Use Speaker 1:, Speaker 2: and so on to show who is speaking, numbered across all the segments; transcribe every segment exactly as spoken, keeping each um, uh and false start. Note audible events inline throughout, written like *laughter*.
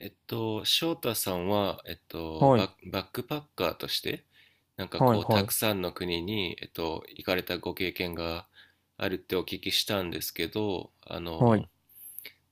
Speaker 1: えっと、翔太さんは、えっと、
Speaker 2: はい、
Speaker 1: バッ、バックパッカーとして、なんか
Speaker 2: はい、
Speaker 1: こう、た
Speaker 2: はい、
Speaker 1: くさんの国に、えっと、行かれたご経験があるってお聞きしたんですけど、あ
Speaker 2: はい。
Speaker 1: の、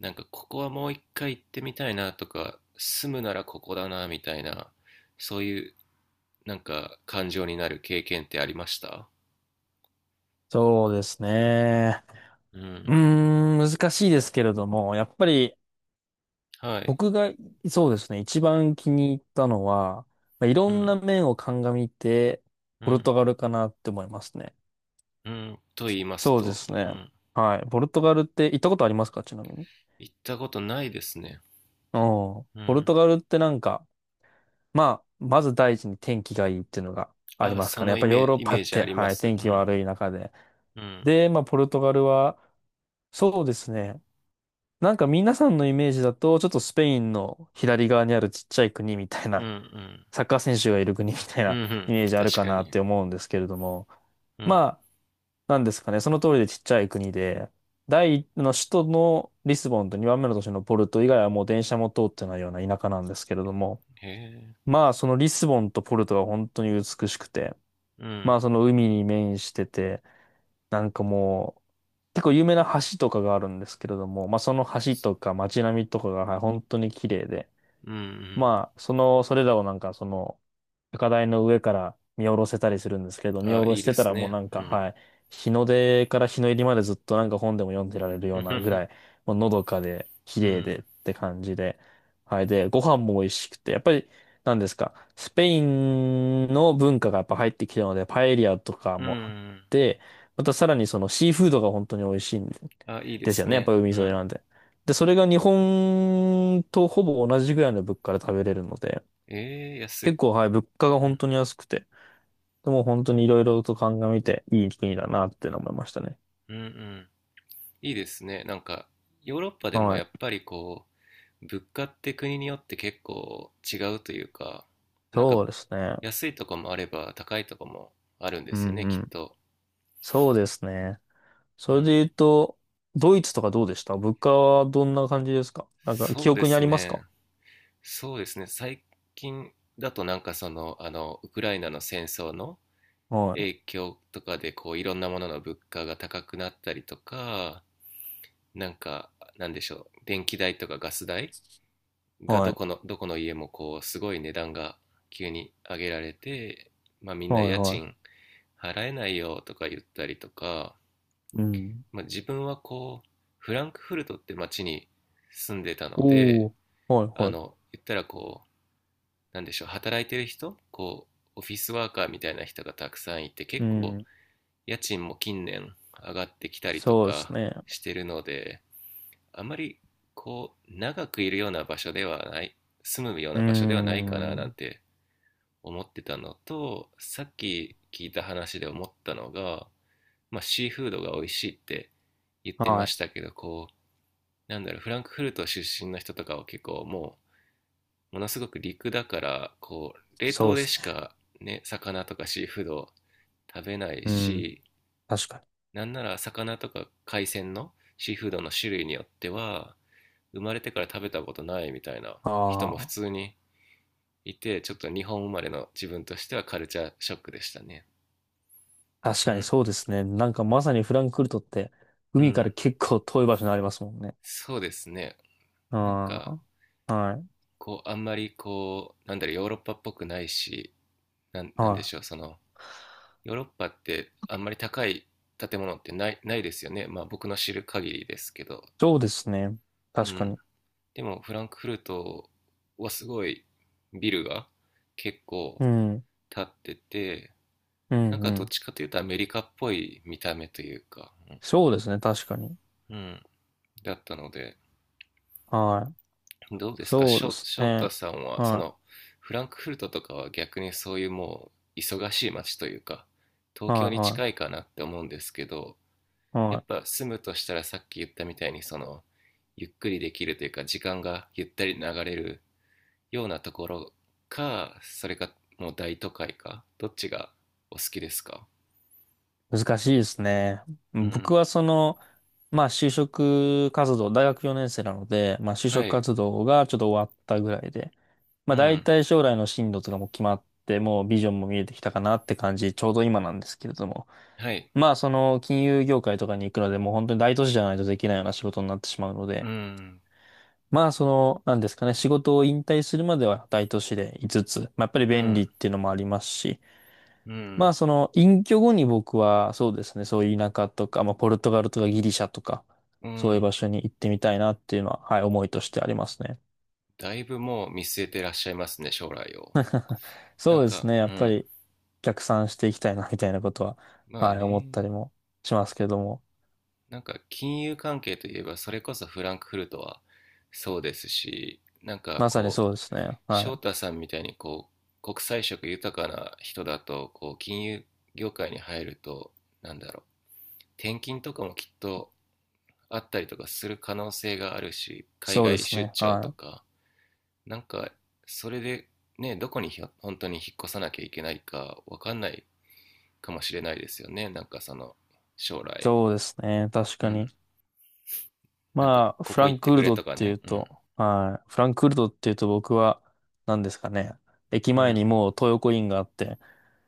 Speaker 1: なんかここはもう一回行ってみたいなとか、住むならここだなみたいな、そういうなんか感情になる経験ってありました？
Speaker 2: そうですね。
Speaker 1: う
Speaker 2: うー
Speaker 1: ん。
Speaker 2: ん、難しいですけれども、やっぱり
Speaker 1: はい。
Speaker 2: 僕が、そうですね、一番気に入ったのは、まあ、いろ
Speaker 1: う
Speaker 2: んな
Speaker 1: ん。
Speaker 2: 面を鑑みて、
Speaker 1: う
Speaker 2: ポルト
Speaker 1: ん。
Speaker 2: ガルかなって思いますね。
Speaker 1: うん。と言います
Speaker 2: そうで
Speaker 1: と、
Speaker 2: す
Speaker 1: う
Speaker 2: ね。
Speaker 1: ん。
Speaker 2: はい。ポルトガルって行ったことありますかちなみに。
Speaker 1: 行ったことないですね。
Speaker 2: うん。
Speaker 1: う
Speaker 2: ポル
Speaker 1: ん。
Speaker 2: トガルってなんか、まあ、まず第一に天気がいいっていうのがあり
Speaker 1: あ、
Speaker 2: ます
Speaker 1: そ
Speaker 2: かね。や
Speaker 1: の
Speaker 2: っ
Speaker 1: イ
Speaker 2: ぱり
Speaker 1: メ
Speaker 2: ヨー
Speaker 1: ージ、
Speaker 2: ロッ
Speaker 1: イ
Speaker 2: パ
Speaker 1: メー
Speaker 2: っ
Speaker 1: ジあ
Speaker 2: て、
Speaker 1: りま
Speaker 2: はい、
Speaker 1: す。う
Speaker 2: 天気
Speaker 1: ん。
Speaker 2: 悪い中で。
Speaker 1: うん。
Speaker 2: で、まあ、ポルトガルは、そうですね。なんか皆さんのイメージだと、ちょっとスペインの左側にあるちっちゃい国みたい
Speaker 1: うん
Speaker 2: な、
Speaker 1: うん。
Speaker 2: *laughs* サッカー選手がいる国みたい
Speaker 1: う
Speaker 2: な
Speaker 1: んう
Speaker 2: *laughs* イ
Speaker 1: ん。
Speaker 2: メージある
Speaker 1: 確
Speaker 2: か
Speaker 1: か
Speaker 2: なっ
Speaker 1: に。
Speaker 2: て思うんですけれども、
Speaker 1: うん。
Speaker 2: まあ、なんですかね、その通りでちっちゃい国で、第一の首都のリスボンとにばんめの都市のポルト以外はもう電車も通ってないような田舎なんですけれども、
Speaker 1: へえ。
Speaker 2: まあそのリスボンとポルトが本当に美しくて、
Speaker 1: う
Speaker 2: まあ
Speaker 1: ん。
Speaker 2: その海に面してて、なんかもう、結構有名な橋とかがあるんですけれども、まあその橋
Speaker 1: す
Speaker 2: とか街並みとかがはい本当に綺麗で、
Speaker 1: うんう
Speaker 2: まあその、それらをなんかその高台の上から見下ろせたりするんですけど、
Speaker 1: ん。
Speaker 2: 見
Speaker 1: あ、
Speaker 2: 下ろ
Speaker 1: いい
Speaker 2: し
Speaker 1: で
Speaker 2: てた
Speaker 1: す
Speaker 2: らもう
Speaker 1: ね。
Speaker 2: なん
Speaker 1: う
Speaker 2: か、
Speaker 1: ん。
Speaker 2: はい、日の出から日の入りまでずっとなんか本でも読んでられる
Speaker 1: *laughs* う
Speaker 2: よう
Speaker 1: ん
Speaker 2: な
Speaker 1: ふ
Speaker 2: ぐ
Speaker 1: ふ
Speaker 2: らい、もうのどかで、綺
Speaker 1: う
Speaker 2: 麗でっ
Speaker 1: ん。
Speaker 2: て感じで、はい、で、ご飯も美味しくて、やっぱり、なんですか、スペインの文化がやっぱ入ってきたので、パエリアとか
Speaker 1: うんう
Speaker 2: もあっ
Speaker 1: ん。
Speaker 2: て、またさらにそのシーフードが本当に美味しいんで
Speaker 1: あ、いいで
Speaker 2: ですよ
Speaker 1: す
Speaker 2: ね、やっ
Speaker 1: ね。
Speaker 2: ぱ海
Speaker 1: う
Speaker 2: 沿い
Speaker 1: ん。
Speaker 2: なんで。で、それが日本とほぼ同じぐらいの物価で食べれるので、
Speaker 1: ええ、安
Speaker 2: 結
Speaker 1: い。
Speaker 2: 構、はい、物価が
Speaker 1: う
Speaker 2: 本
Speaker 1: ん。
Speaker 2: 当に安くて、でも本当にいろいろと鑑みていい国だなっていうのを思いましたね。
Speaker 1: うんうん。いいですね。なんか、ヨーロッパでも
Speaker 2: は
Speaker 1: やっ
Speaker 2: い。
Speaker 1: ぱりこう、物価って国によって結構違うというか、なん
Speaker 2: そ
Speaker 1: か
Speaker 2: うですね。
Speaker 1: 安いとこもあれば高いとこもあるんで
Speaker 2: う
Speaker 1: すよ
Speaker 2: ん
Speaker 1: ね、
Speaker 2: う
Speaker 1: きっ
Speaker 2: ん。
Speaker 1: と。
Speaker 2: そうですね。
Speaker 1: う
Speaker 2: それで
Speaker 1: ん。
Speaker 2: 言うと、ドイツとかどうでした物価はどんな感じですかなんか記
Speaker 1: そうで
Speaker 2: 憶にあ
Speaker 1: す
Speaker 2: ります
Speaker 1: ね。
Speaker 2: か？
Speaker 1: そうですね。最近だとなんかその、あの、ウクライナの戦争の
Speaker 2: はい。
Speaker 1: 影響とかで、こう、いろんなものの物価が高くなったりとか、なんか、なんでしょう、電気代とかガス代が
Speaker 2: は
Speaker 1: ど
Speaker 2: い。
Speaker 1: この、どこの家もこう、すごい値段が急に上げられて、まあみんな
Speaker 2: はい
Speaker 1: 家
Speaker 2: は
Speaker 1: 賃
Speaker 2: い。
Speaker 1: 払えないよとか言ったりとか、
Speaker 2: うん。
Speaker 1: まあ自分はこう、フランクフルトって街に住んでたので、
Speaker 2: おー。はい
Speaker 1: あ
Speaker 2: はい。
Speaker 1: の、言ったらこう、なんでしょう、働いてる人、こう、オフィスワーカーみたいな人がたくさんいて、
Speaker 2: う
Speaker 1: 結構、
Speaker 2: ん。
Speaker 1: 家賃も近年上がってきたりと
Speaker 2: そうです
Speaker 1: か
Speaker 2: ね。
Speaker 1: してるので、あまり、こう、長くいるような場所ではない、住むよう
Speaker 2: うー
Speaker 1: な場所ではないかななん
Speaker 2: ん。
Speaker 1: て思ってたのと、さっき聞いた話で思ったのが、まあ、シーフードが美味しいって言って
Speaker 2: は
Speaker 1: ま
Speaker 2: い。
Speaker 1: したけど、こう、なんだろう、フランクフルト出身の人とかは結構もう、ものすごく陸だからこう冷
Speaker 2: そ
Speaker 1: 凍
Speaker 2: うで
Speaker 1: で
Speaker 2: す
Speaker 1: し
Speaker 2: ね。
Speaker 1: かね、魚とかシーフードを食べない
Speaker 2: うん。
Speaker 1: し、
Speaker 2: 確かに。
Speaker 1: なんなら魚とか海鮮のシーフードの種類によっては生まれてから食べたことないみたいな人も普
Speaker 2: ああ。
Speaker 1: 通にいて、ちょっと日本生まれの自分としてはカルチャーショックでしたね。
Speaker 2: 確
Speaker 1: う
Speaker 2: かに
Speaker 1: ん
Speaker 2: そうですね。なんかまさにフランクフルトって、
Speaker 1: う
Speaker 2: 海から
Speaker 1: ん。
Speaker 2: 結構遠い場所にありますもんね。
Speaker 1: そうですね。
Speaker 2: うん。
Speaker 1: なんか
Speaker 2: はい。
Speaker 1: こうあんまりこう、なんだろう、ヨーロッパっぽくないし、なんなん
Speaker 2: は
Speaker 1: でし
Speaker 2: い。
Speaker 1: ょう、そのヨーロッパってあんまり高い建物ってないないですよね。まあ僕の知る限りですけど。
Speaker 2: そうですね。
Speaker 1: う
Speaker 2: 確か
Speaker 1: ん。
Speaker 2: に。
Speaker 1: でもフランクフルトはすごいビルが結構
Speaker 2: うん。
Speaker 1: 建ってて、
Speaker 2: う
Speaker 1: なん
Speaker 2: ん、う
Speaker 1: かどっ
Speaker 2: ん。
Speaker 1: ちかというとアメリカっぽい見た目というか、
Speaker 2: そうですね。確かに。
Speaker 1: うん。うん。だったので、
Speaker 2: はい。
Speaker 1: どうですか、
Speaker 2: そうで
Speaker 1: 翔
Speaker 2: す
Speaker 1: 翔太
Speaker 2: ね。
Speaker 1: さんは、そ
Speaker 2: は
Speaker 1: のフランクフルトとかは逆にそういうもう忙しい街というか、
Speaker 2: い。
Speaker 1: 東京に
Speaker 2: は
Speaker 1: 近
Speaker 2: い、
Speaker 1: いかなって思うんですけど、
Speaker 2: は
Speaker 1: やっ
Speaker 2: い。は
Speaker 1: ぱ住むとしたらさっき言ったみたいに、そのゆっくりできるというか時間がゆったり流れるようなところか、それかもう大都会か、どっちがお好きですか？
Speaker 2: い。難しいですね。
Speaker 1: う
Speaker 2: 僕
Speaker 1: ん。
Speaker 2: はその、まあ就職活動、大学よねん生なので、まあ就
Speaker 1: は
Speaker 2: 職
Speaker 1: い。
Speaker 2: 活動がちょっと終わったぐらいで、ま
Speaker 1: う
Speaker 2: あ大
Speaker 1: ん。
Speaker 2: 体将来の進路とかも決まって、もうビジョンも見えてきたかなって感じ、ちょうど今なんですけれども。
Speaker 1: はい。
Speaker 2: まあその金融業界とかに行くので、もう本当に大都市じゃないとできないような仕事になってしまうの
Speaker 1: う
Speaker 2: で、
Speaker 1: ん。
Speaker 2: まあその、なんですかね、仕事を引退するまでは大都市でいつつ、まあやっぱり
Speaker 1: う
Speaker 2: 便利
Speaker 1: ん。
Speaker 2: っていうのもありますし、
Speaker 1: う
Speaker 2: ま
Speaker 1: ん。
Speaker 2: あその隠居後に僕はそうですね、そういう田舎とか、まあポルトガルとかギリシャとか、
Speaker 1: う
Speaker 2: そういう
Speaker 1: ん。
Speaker 2: 場所に行ってみたいなっていうのは、はい、思いとしてありますね。
Speaker 1: だいぶもう見据えてらっしゃいますね、将来を。なん
Speaker 2: そうです
Speaker 1: か。
Speaker 2: ね。
Speaker 1: う
Speaker 2: やっぱ
Speaker 1: ん。
Speaker 2: り逆算していきたいな、みたいなことは、
Speaker 1: ま
Speaker 2: は
Speaker 1: あ
Speaker 2: い、思っ
Speaker 1: ね。
Speaker 2: たりもしますけども。
Speaker 1: なんか金融関係といえば、それこそフランクフルトはそうですし、なんか
Speaker 2: まさに
Speaker 1: こ
Speaker 2: そうで
Speaker 1: う、
Speaker 2: すね。は
Speaker 1: 翔
Speaker 2: い。
Speaker 1: 太さんみたいにこう国際色豊かな人だと、こう金融業界に入ると、なんだろう、転勤とかもきっとあったりとかする可能性があるし、海
Speaker 2: そうで
Speaker 1: 外
Speaker 2: す
Speaker 1: 出
Speaker 2: ね。
Speaker 1: 張と
Speaker 2: はい。
Speaker 1: か、なんかそれでね、どこに本当に引っ越さなきゃいけないかわかんないかもしれないですよね、なんかその将来。
Speaker 2: そうですね。確
Speaker 1: う
Speaker 2: か
Speaker 1: ん。
Speaker 2: に。
Speaker 1: なんか
Speaker 2: まあ、
Speaker 1: こ
Speaker 2: フ
Speaker 1: こ
Speaker 2: ラ
Speaker 1: 行
Speaker 2: ン
Speaker 1: っ
Speaker 2: ク
Speaker 1: て
Speaker 2: フ
Speaker 1: く
Speaker 2: ル
Speaker 1: れ
Speaker 2: トっ
Speaker 1: とか
Speaker 2: ていう
Speaker 1: ね。うん。
Speaker 2: と、はい。フランクフルトっていうと僕は、何ですかね。駅
Speaker 1: う
Speaker 2: 前に
Speaker 1: ん。
Speaker 2: もう東横インがあって、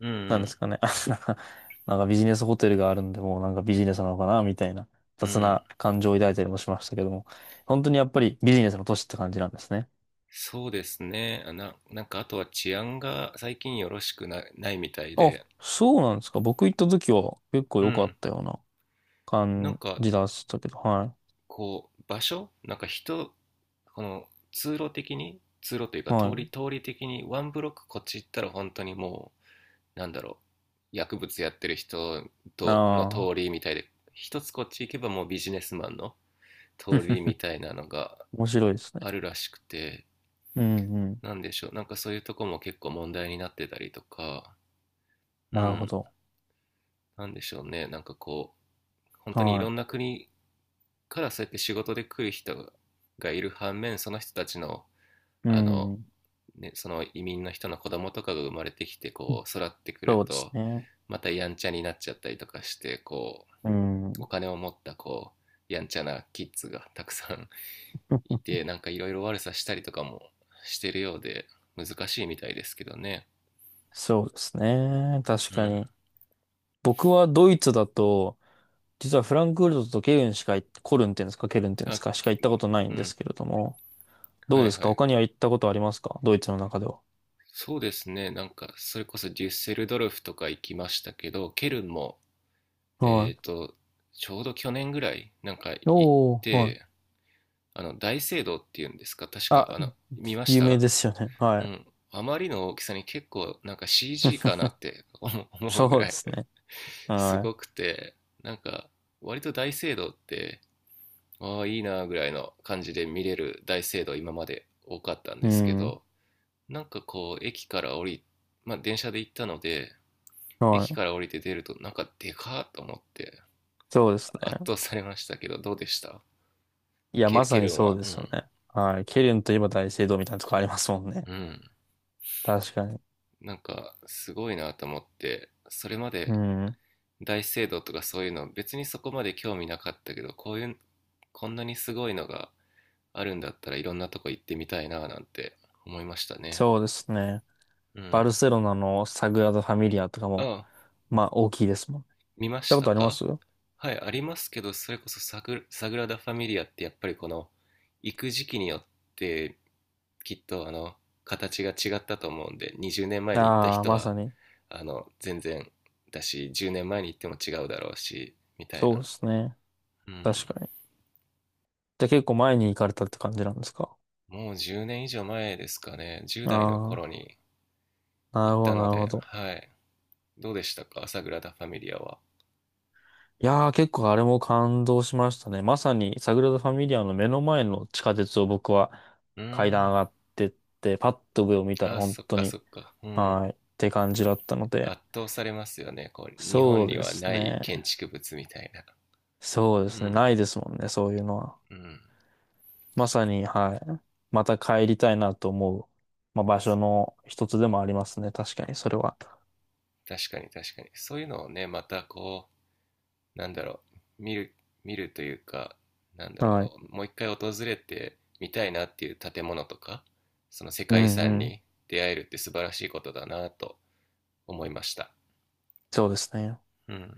Speaker 1: うん。う
Speaker 2: 何で
Speaker 1: ん。
Speaker 2: すかね。*laughs* なんかビジネスホテルがあるんで、もうなんかビジネスなのかな、みたいな
Speaker 1: う
Speaker 2: 雑
Speaker 1: ん。
Speaker 2: な感情を抱いたりもしましたけども、本当にやっぱりビジネスの都市って感じなんですね。
Speaker 1: そうですね。あな、なんかあとは治安が最近よろしくな、ないみたい
Speaker 2: あ、
Speaker 1: で、
Speaker 2: そうなんですか。僕行った時は結構
Speaker 1: う
Speaker 2: 良かっ
Speaker 1: ん。
Speaker 2: たような
Speaker 1: なん
Speaker 2: 感
Speaker 1: か
Speaker 2: じだったけど、は
Speaker 1: こう場所、なんか人、この通路的に、通路という
Speaker 2: い。
Speaker 1: か、通
Speaker 2: は
Speaker 1: り、
Speaker 2: い。
Speaker 1: 通り的にワンブロックこっち行ったら本当にもう、なんだろう、薬物やってる人
Speaker 2: あ
Speaker 1: との通
Speaker 2: あ。
Speaker 1: りみたいで、一つこっち行けばもうビジネスマンの通り
Speaker 2: *laughs*
Speaker 1: みたいなのが
Speaker 2: 面白いですね。
Speaker 1: あるらしくて、
Speaker 2: うんうん。
Speaker 1: なんでしょう、なんかそういうとこも結構問題になってたりとか、う
Speaker 2: なるほ
Speaker 1: ん、
Speaker 2: ど。
Speaker 1: なんでしょうね、なんかこう、本当にい
Speaker 2: は
Speaker 1: ろんな国からそうやって仕事で来る人がいる反面、その人たちの、
Speaker 2: い。う
Speaker 1: あの、
Speaker 2: ん。
Speaker 1: ね、その移民の人の子供とかが生まれてきて、こう、育ってくる
Speaker 2: そうです
Speaker 1: と、
Speaker 2: ね。
Speaker 1: またやんちゃになっちゃったりとかして、こ
Speaker 2: う
Speaker 1: う、お
Speaker 2: ん。
Speaker 1: 金を持った、こう、やんちゃなキッズがたくさん *laughs* い
Speaker 2: *laughs*
Speaker 1: て、なんかいろいろ悪さしたりとかもしてるようで、難しいみたいですけどね。
Speaker 2: そうですね。確
Speaker 1: う
Speaker 2: か
Speaker 1: ん。
Speaker 2: に。僕はドイツだと、実はフランクフルトとケルンしか行っ、コルンっていうんですか、ケルンっていうんです
Speaker 1: あ、
Speaker 2: か、しか行ったことない
Speaker 1: う
Speaker 2: んで
Speaker 1: ん。
Speaker 2: すけれども、
Speaker 1: は
Speaker 2: どう
Speaker 1: い
Speaker 2: で
Speaker 1: はい
Speaker 2: す
Speaker 1: は
Speaker 2: か
Speaker 1: い。
Speaker 2: 他には行ったことありますかドイツの中では？
Speaker 1: そうですね。なんか、それこそデュッセルドルフとか行きましたけど、ケルンも、
Speaker 2: は
Speaker 1: えっ
Speaker 2: い。
Speaker 1: と、ちょうど去年ぐらい、なんか行っ
Speaker 2: おー、は
Speaker 1: て、
Speaker 2: い。
Speaker 1: あの、大聖堂っていうんですか、確か、
Speaker 2: あ、
Speaker 1: あの、見まし
Speaker 2: 有名
Speaker 1: た。
Speaker 2: ですよね。は
Speaker 1: う
Speaker 2: い。
Speaker 1: ん。あまりの大きさに結構、なんか シージー かな
Speaker 2: *laughs*
Speaker 1: って思う *laughs* 思うぐ
Speaker 2: そう
Speaker 1: ら
Speaker 2: で
Speaker 1: い
Speaker 2: すね。
Speaker 1: *laughs* す
Speaker 2: は
Speaker 1: ごくて、なんか、割と大聖堂って、ああ、いいなーぐらいの感じで見れる大聖堂今まで多かったん
Speaker 2: い。う
Speaker 1: ですけ
Speaker 2: ん。
Speaker 1: ど、なんかこう駅から降りまあ電車で行ったので、
Speaker 2: は
Speaker 1: 駅
Speaker 2: い。
Speaker 1: から降りて出るとなんかでかーと思って
Speaker 2: そうです
Speaker 1: 圧
Speaker 2: ね。
Speaker 1: 倒されましたけど、どうでした？
Speaker 2: いや、
Speaker 1: ケ
Speaker 2: ま
Speaker 1: ル
Speaker 2: さ
Speaker 1: ケ
Speaker 2: に
Speaker 1: ルン
Speaker 2: そう
Speaker 1: は。
Speaker 2: で
Speaker 1: う
Speaker 2: すよ
Speaker 1: ん。
Speaker 2: ね。はい。ケルンといえば大聖堂みたいなとこありますもんね。
Speaker 1: うん。
Speaker 2: 確かに。
Speaker 1: なんかすごいなと思って、それま
Speaker 2: う
Speaker 1: で
Speaker 2: ん。
Speaker 1: 大聖堂とかそういうの別にそこまで興味なかったけど、こういう、こんなにすごいのがあるんだったらいろんなとこ行ってみたいななんて思いましたね。
Speaker 2: そうですね。
Speaker 1: う
Speaker 2: バル
Speaker 1: ん。
Speaker 2: セロナのサグラダ・ファミリアとかも、
Speaker 1: ああ。
Speaker 2: まあ、大きいですもんね。
Speaker 1: 見ま
Speaker 2: 行った
Speaker 1: し
Speaker 2: こ
Speaker 1: た
Speaker 2: とありま
Speaker 1: か？
Speaker 2: す
Speaker 1: はい、ありますけど、それこそサグ、サグラダ・ファミリアってやっぱりこの、行く時期によってきっとあの、形が違ったと思うんで、にじゅうねんまえに行った
Speaker 2: ああ
Speaker 1: 人
Speaker 2: まさ
Speaker 1: は、
Speaker 2: に。
Speaker 1: あの、全然だし、じゅうねんまえに行っても違うだろうし、みたい
Speaker 2: そう
Speaker 1: な。
Speaker 2: ですね。
Speaker 1: うん。
Speaker 2: 確かに。じゃあ結構前に行かれたって感じなんですか？
Speaker 1: もうじゅうねん以上前ですかね、じゅう代の頃
Speaker 2: あ
Speaker 1: に
Speaker 2: あ
Speaker 1: 行
Speaker 2: ー、なる
Speaker 1: っ
Speaker 2: ほ
Speaker 1: た
Speaker 2: ど、な
Speaker 1: の
Speaker 2: るほ
Speaker 1: で、
Speaker 2: ど。
Speaker 1: はい。どうでしたか、サグラダ・ファミリアは。
Speaker 2: いやー、結構あれも感動しましたね。まさに、サグラダ・ファミリアの目の前の地下鉄を僕は
Speaker 1: う
Speaker 2: 階
Speaker 1: ー
Speaker 2: 段
Speaker 1: ん。
Speaker 2: 上がってって、パッと上を見たら
Speaker 1: あ、
Speaker 2: 本
Speaker 1: そっ
Speaker 2: 当
Speaker 1: か
Speaker 2: に、
Speaker 1: そっか。うん。
Speaker 2: はい、って感じだったので、
Speaker 1: 圧倒されますよね、こう日本
Speaker 2: そう
Speaker 1: に
Speaker 2: で
Speaker 1: は
Speaker 2: す
Speaker 1: ない
Speaker 2: ね。
Speaker 1: 建築物みたいな。
Speaker 2: そうで
Speaker 1: う
Speaker 2: すね。ない
Speaker 1: ん。
Speaker 2: ですもんね、そういうのは。
Speaker 1: うん。
Speaker 2: まさに、はい。また帰りたいなと思う、まあ、場所の一つでもありますね。確かに、それは。
Speaker 1: 確かに確かに、そういうのをね、またこう、なんだろう、見る見るというか、なんだろ
Speaker 2: はい。
Speaker 1: う、もう一回訪れてみたいなっていう建物とか、その世
Speaker 2: う
Speaker 1: 界遺
Speaker 2: ん
Speaker 1: 産
Speaker 2: うん。
Speaker 1: に出会えるって素晴らしいことだなと思いました。
Speaker 2: そうですね。
Speaker 1: うん